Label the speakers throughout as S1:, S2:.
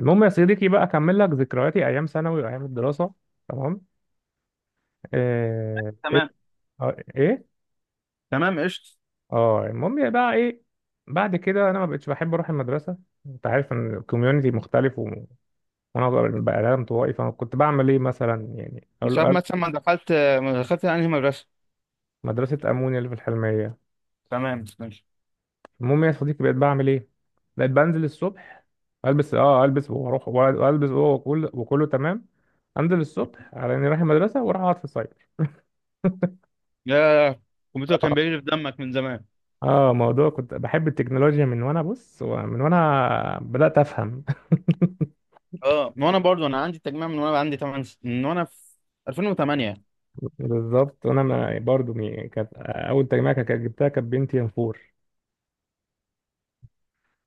S1: المهم يا صديقي بقى اكمل لك ذكرياتي ايام ثانوي وايام الدراسه. تمام. ايه.
S2: تمام،
S1: ايه.
S2: تمام، قشطة.
S1: اه المهم بقى ايه؟ بعد كده انا ما بقتش بحب اروح المدرسه. انت عارف ان الكوميونتي مختلف و- وانا بقى انا انطوائي، فانا كنت بعمل ايه مثلا؟ يعني
S2: مش
S1: اقول
S2: عارف
S1: أقول
S2: مثلا، ما دخلت انهي مدرسة؟
S1: مدرسه امونيا اللي في الحلميه.
S2: تمام، ماشي.
S1: المهم يا صديقي، بقيت بعمل ايه؟ بقيت بنزل الصبح، البس اه البس واروح، والبس وكله وكله تمام. انزل الصبح على اني رايح المدرسه واروح اقعد في الصيف.
S2: يا الكمبيوتر كان بيجري في دمك من زمان.
S1: اه موضوع كنت بحب التكنولوجيا من وانا بص، من وانا بدأت افهم.
S2: اه، ما انا برضو انا عندي تجميع من وانا عندي 8 من وانا في 2008،
S1: بالظبط، وانا ما برضو مي- كانت اول تجميع كانت جبتها كانت بنتي ام 4.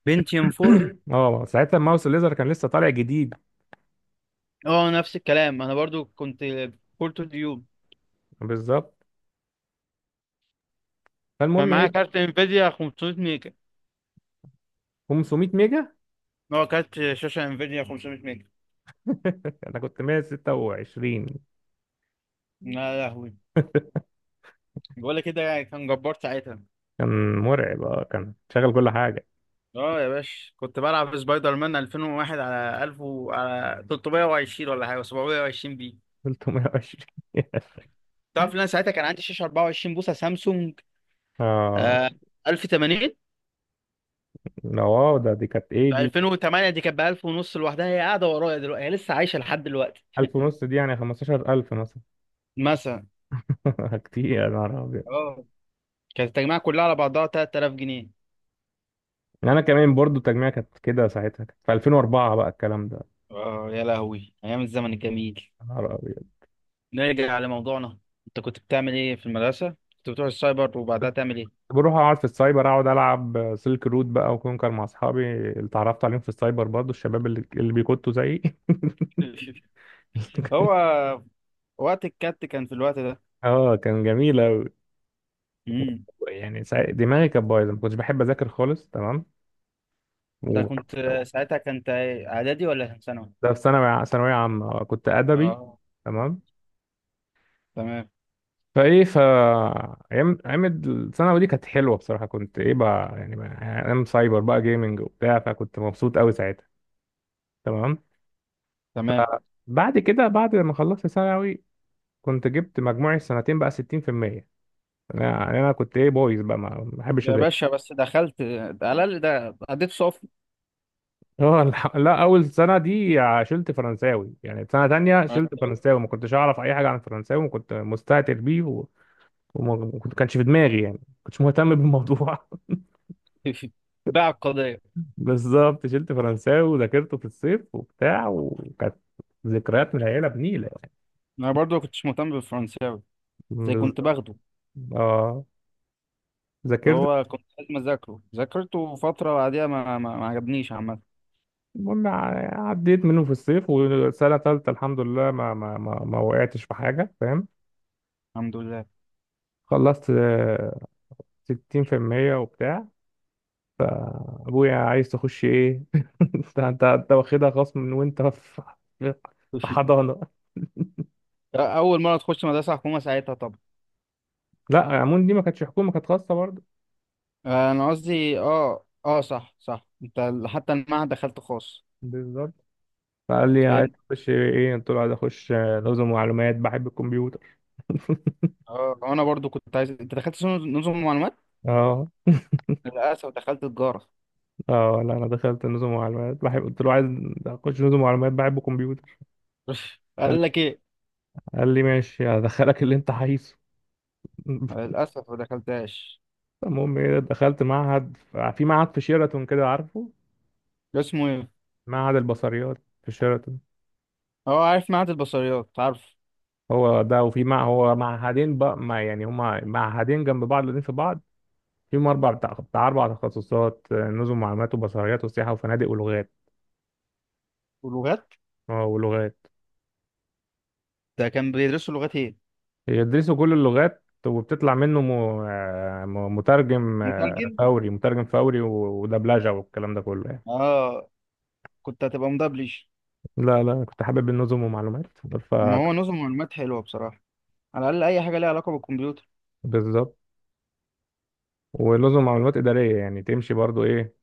S2: بنتيوم 4.
S1: اه ساعتها الماوس الليزر كان لسه طالع جديد.
S2: اه، نفس الكلام، انا برضو كنت كور تو ديوب.
S1: بالظبط.
S2: كان
S1: فالمهم ايه
S2: معايا
S1: بقى؟
S2: كارت انفيديا 500 ميجا،
S1: 500 ميجا.
S2: هو كارت شاشة انفيديا 500 ميجا.
S1: انا كنت 126.
S2: يا لهوي، بقول لك كده يعني كان جبار ساعتها.
S1: كان مرعب، اه كان شغل كل حاجه.
S2: اه يا باشا، كنت بلعب سبايدر مان 2001 على على 320 ولا حاجه، 720 بي.
S1: 320.
S2: تعرف ان انا ساعتها كان عندي شاشه 24 بوصه سامسونج،
S1: اه
S2: آه، 1080.
S1: لا، واو ده، دي كانت ايه
S2: في
S1: دي؟
S2: 2008 دي كانت ب 1000 ونص لوحدها، هي قاعده ورايا دلوقتي، هي لسه عايشه لحد دلوقتي.
S1: 1000 ونص دي يعني 15000 مثلا.
S2: مثلا.
S1: كتير يا نهار.
S2: اه، كانت التجميعه كلها على بعضها 3000 جنيه.
S1: يعني انا كمان برضو التجميع كانت كده، ساعتها كانت في 2004 بقى الكلام ده.
S2: اه، يا لهوي، ايام الزمن الجميل.
S1: يا نهار أبيض.
S2: نرجع لموضوعنا. انت كنت بتعمل ايه في المدرسه؟ كنت بتروح السايبر وبعدها تعمل ايه؟
S1: بروح اقعد في السايبر، اقعد العب سلك رود بقى وكونكر مع اصحابي اللي اتعرفت عليهم في السايبر، برضو الشباب اللي بيكتوا زيي.
S2: هو وقت الكات كان في الوقت ده.
S1: اه كان جميل أوي.
S2: مم.
S1: يعني سا- دماغي كانت بايظه، ما كنتش بحب اذاكر خالص. تمام.
S2: ده
S1: و...
S2: كنت ساعتها كنت اعدادي ولا كان ثانوي؟
S1: ده في ثانوي، ثانويه عامه كنت ادبي.
S2: اه،
S1: تمام.
S2: تمام،
S1: فايه ف ايام ايام الثانوي دي كانت حلوه بصراحه، كنت ايه بقى؟ يعني بقى- ايام سايبر بقى، جيمنج وبتاع، فكنت مبسوط قوي ساعتها. تمام.
S2: تمام.
S1: فبعد كده، بعد ما خلصت ثانوي، كنت جبت مجموعي السنتين بقى 60%. انا يعني انا كنت ايه بويز بقى، ما بحبش
S2: يا
S1: اذاكر.
S2: باشا، بس دخلت، على الاقل ده اديت صف.
S1: اه الح- لا اول سنه دي شلت فرنساوي، يعني سنه تانية شلت
S2: فرنساوي.
S1: فرنساوي. ما كنتش اعرف اي حاجه عن الفرنساوي وكنت مستهتر بيه و- وما كنت- كانش في دماغي، يعني ما كنتش مهتم بالموضوع.
S2: باع القضيه.
S1: بالظبط شلت فرنساوي وذاكرته في الصيف وبتاع، وكانت ذكريات من العيله بنيله يعني.
S2: انا برضو ما كنتش مهتم بالفرنساوي، زي كنت
S1: بالظبط.
S2: باخده،
S1: اه ذاكرت.
S2: فهو كنت لازم اذاكره، ذاكرته فتره بعديها ما عجبنيش عامه.
S1: المهم ع- عديت منه في الصيف، وسنه ثالثه الحمد لله ما وقعتش في حاجه، فاهم؟
S2: الحمد لله.
S1: خلصت 60% وبتاع. ابويا عايز تخش ايه؟ انت واخدها خصم من وانت في في حضانه.
S2: اول مره تخش مدرسه حكومه ساعتها طبعا.
S1: لا عمون دي ما كانتش حكومه، كانت خاصه برضه.
S2: انا قصدي، اه، صح، صح، انت حتى المعهد دخلت خاص.
S1: بالظبط. فقال لي عايز
S2: فهمت.
S1: تخش ايه؟ قلت له عايز اخش نظم ومعلومات، بحب الكمبيوتر.
S2: اه، انا برضو كنت عايز. انت دخلت نظم معلومات؟
S1: اه
S2: للأسف دخلت تجارة.
S1: اه لا انا دخلت نظم ومعلومات بحب، قلت له عايز اخش نظم ومعلومات بحب الكمبيوتر. قال
S2: قال لك إيه؟
S1: قال لي ماشي، هدخلك اللي انت عايزه.
S2: للأسف ما دخلتهاش.
S1: المهم ايه، دخلت معهد، في معهد في شيراتون كده عارفه.
S2: اسمه إيه؟
S1: معهد البصريات في شيراتون.
S2: هو عارف معهد البصريات، عارف.
S1: هو ده. وفي مع هو معهدين بقى، ما يعني هما معهدين جنب بعض الاثنين في بعض. فيهم اربع بتاع بتاع اربع تخصصات: نظم معلومات، وبصريات، وسياحه وفنادق، ولغات.
S2: ولغات.
S1: اه ولغات.
S2: ده كان بيدرسوا لغات إيه؟
S1: يدرسوا كل اللغات وبتطلع منه م- م- مترجم
S2: مترجم.
S1: فوري، مترجم فوري و- ودبلجة، والكلام ده كله يعني.
S2: آه. كنت هتبقى مدبلج.
S1: لا لا كنت حابب النظم ومعلومات. ف
S2: ما هو نظم معلومات حلوة بصراحة، على الأقل أي حاجة ليها علاقة بالكمبيوتر.
S1: بالظبط. ونظم معلومات إدارية يعني تمشي برضو إيه،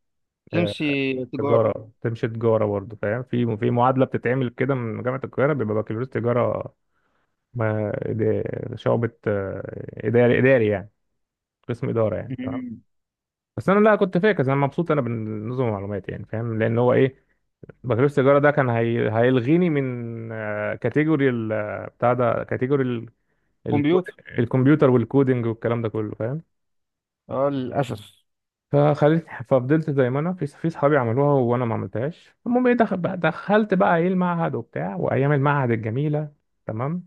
S1: آه،
S2: تمشي تجارة.
S1: تجارة. تمشي تجارة برضو فاهم. في في معادلة بتتعمل كده من جامعة القاهرة، بيبقى بكالوريوس تجارة. ما إد- شعبة إداري، إداري يعني، قسم إدارة يعني. تمام.
S2: مم.
S1: بس أنا لا كنت فاكر أنا مبسوط أنا بالنظم والمعلومات يعني، فاهم؟ لأن هو إيه، بكالوريوس التجارة ده كان هي... هيلغيني من كاتيجوري ال... بتاع ده، كاتيجوري ال... الكود...
S2: كمبيوتر.
S1: الكمبيوتر والكودينج والكلام ده كله، فاهم.
S2: آه، للأسف.
S1: فخليت ففضلت زي ما انا، في في صحابي عملوها وانا ما عملتهاش. المهم ايه، دخل... بقى- دخلت بقى ايه المعهد وبتاع، وايام المعهد الجميلة. تمام.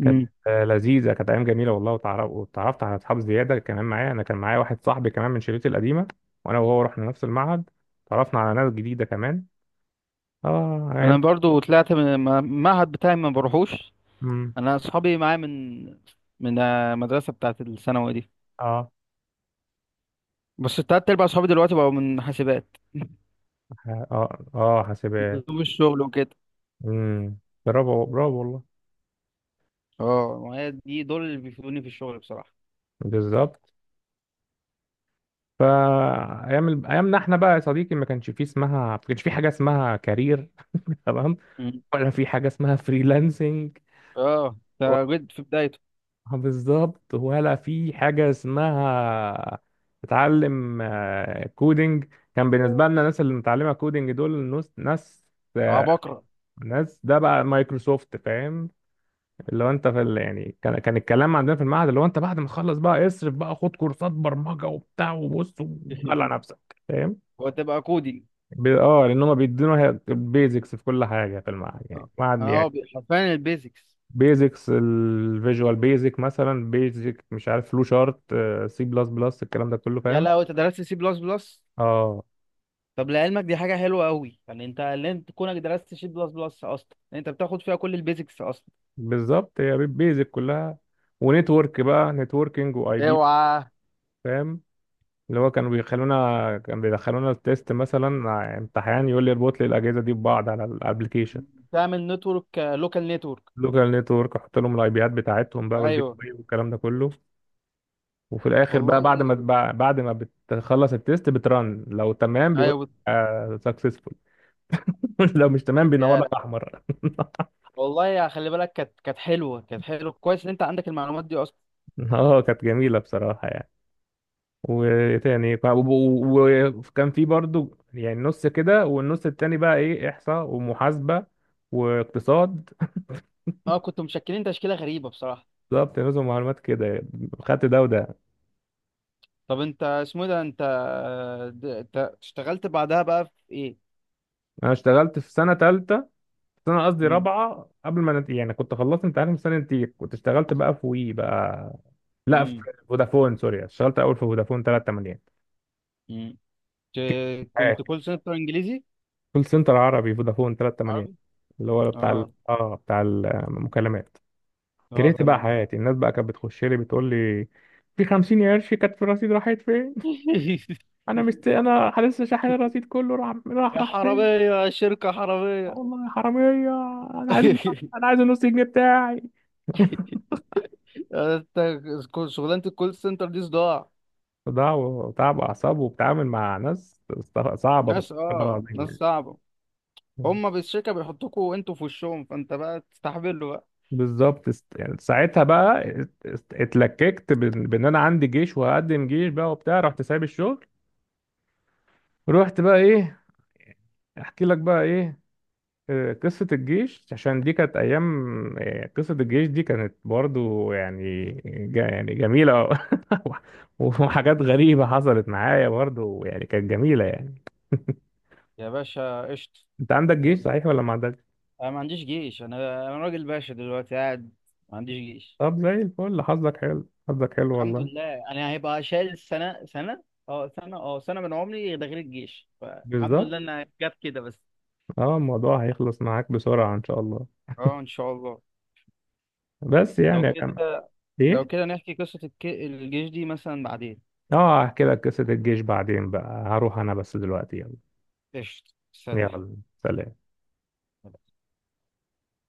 S1: كانت لذيذة، كانت ايام جميلة والله. وتعرف... وتعرفت على اصحاب زيادة كمان معايا، انا كان معايا واحد صاحبي كمان من شريطي القديمة، وانا وهو رحنا نفس المعهد. تعرفنا على ناس جديدة كمان. اه ايام.
S2: أنا برضو طلعت من المعهد بتاعي ما بروحوش.
S1: مم.
S2: أنا أصحابي معايا من المدرسة بتاعت الثانوي دي.
S1: اه
S2: بس التلات أرباع صحابي دلوقتي بقوا من حاسبات.
S1: اه حاسبات.
S2: بسبب الشغل وكده.
S1: امم برافو برافو والله.
S2: اه، وهي دي دول اللي بيفيدوني في الشغل بصراحة.
S1: بالظبط. فايام ال- ايامنا احنا بقى يا صديقي ما كانش فيه اسمها، ما كانش فيه حاجه اسمها كارير. تمام.
S2: مم.
S1: ولا في حاجه اسمها فريلانسنج.
S2: اه،
S1: ولا-
S2: ده جد في بدايته.
S1: بالظبط، ولا في حاجه اسمها تتعلم كودينج. كان بالنسبه لنا الناس اللي متعلمه كودينج دول ناس آه،
S2: عبقرة.
S1: ناس ده بقى مايكروسوفت فاهم. اللي هو انت في ال... يعني كان الكلام عندنا في المعهد اللي هو انت بعد ما تخلص بقى اصرف بقى، خد كورسات برمجه وبتاع، وبص ودلع نفسك، فاهم.
S2: وتبقى كودي.
S1: ب... اه لان هم بيدونا البيزكس في كل حاجه في المعهد، يعني
S2: اه
S1: المعهد
S2: اه
S1: يعني
S2: حرفيا البيزكس.
S1: بيزكس، الفيجوال بيزك مثلا، بيزك مش عارف، فلو شارت، سي بلس بلس، الكلام ده كله
S2: يا
S1: فاهم.
S2: لو انت درست سي بلس بلس.
S1: اه
S2: طب لعلمك دي حاجة حلوة قوي، يعني انت اللي انت كونك درست سي بلس بلس اصلا، انت بتاخد فيها كل البيزكس اصلا.
S1: بالظبط هي بيزك كلها. ونتورك بقى، نتوركينج، واي بي،
S2: اوعى.
S1: فاهم؟ اللي هو كانوا بيخلونا، كان بيدخلونا التيست مثلا مع امتحان يقول لي اربط لي الاجهزه دي ببعض على الابلكيشن،
S2: تعمل نتورك، لوكال نتورك.
S1: لوكال نتورك، احط لهم الاي بيات بتاعتهم بقى والجيت
S2: ايوه،
S1: واي والكلام ده كله. وفي الاخر بقى،
S2: والله،
S1: بعد ما بع- بعد ما بتخلص التيست بترن لو تمام بيقول
S2: ايوه.
S1: لك سكسسفول. لو مش تمام بينور لك
S2: يا
S1: احمر.
S2: والله، يا خلي بالك، كانت حلوه، كانت حلوه، كويس ان انت عندك المعلومات دي اصلا.
S1: اه كانت جميله بصراحه يعني. وتاني ف- وب- و- وكان في برضو يعني نص كده، والنص التاني بقى ايه، احصاء ومحاسبه واقتصاد.
S2: اه، كنتوا مشكلين تشكيله غريبه بصراحه.
S1: بالظبط، نظم معلومات كده، خدت ده وده.
S2: طب انت اسمه إيه ده؟ انت اشتغلت بعدها بقى في ايه؟
S1: انا اشتغلت في سنه ثالثه، سنه قصدي
S2: امم.
S1: رابعه، قبل ما نت... يعني كنت خلصت امتحان في سنه نتيجة، كنت اشتغلت بقى في وي بقى، لا في
S2: امم.
S1: فودافون سوري. اشتغلت اول في فودافون 380،
S2: امم. كنت كول سنتر انجليزي؟
S1: كول سنتر عربي، فودافون 380،
S2: عربي.
S1: اللي هو بتاع ال...
S2: اه،
S1: اه بتاع المكالمات.
S2: اه،
S1: كرهت بقى
S2: تمام.
S1: حياتي، الناس بقى كانت بتخش لي بتقول لي في 50 قرش كانت في الرصيد راحت فين. انا مست، انا لسه شاحن الرصيد كله راح راح
S2: يا
S1: راح.
S2: حراميه، شركه حراميه.
S1: والله يا حراميه. انا عايز انا عايز النص جنيه بتاعي.
S2: انت شغلانه الكول سنتر دي صداع.
S1: صداع وتعب اعصاب، وبتعامل مع ناس است- صعبه، بس والله العظيم
S2: ناس
S1: يعني.
S2: صعبه. هما بالشركه بيحطوكوا انتوا في وشهم، فانت بقى تستحملوا.
S1: بالظبط است- يعني ساعتها بقى اتلككت بان بإن انا عندي جيش وهقدم جيش بقى وبتاع، رحت سايب الشغل. رحت بقى ايه، احكي لك بقى ايه، قصة الجيش، عشان دي كانت أيام. قصة الجيش دي كانت برضو يعني ج- يعني جميلة.
S2: بقى
S1: وحاجات غريبة حصلت معايا برضو، يعني كانت جميلة يعني.
S2: يا باشا، قشطة.
S1: أنت عندك
S2: يعني،
S1: جيش صحيح ولا ما عندكش؟
S2: أنا ما عنديش جيش، أنا أنا راجل باشا دلوقتي قاعد، ما عنديش جيش.
S1: طب زي الفل، حظك حلو
S2: الحمد
S1: والله.
S2: لله، أنا هيبقى شايل سنة سنة، أه سنة، أه سنة من عمري ده غير الجيش، فالحمد
S1: بالظبط.
S2: لله إنها جت كده بس.
S1: اه الموضوع هيخلص معاك بسرعة إن شاء الله.
S2: أه، إن شاء الله.
S1: بس
S2: لو
S1: يعني يا جماعة،
S2: كده لو
S1: إيه؟
S2: كده نحكي قصة الجيش دي مثلا بعدين.
S1: اه هحكي لك قصة الجيش بعدين بقى، هروح أنا بس دلوقتي، يلا.
S2: قشطة، سلام.
S1: يلا، سلام.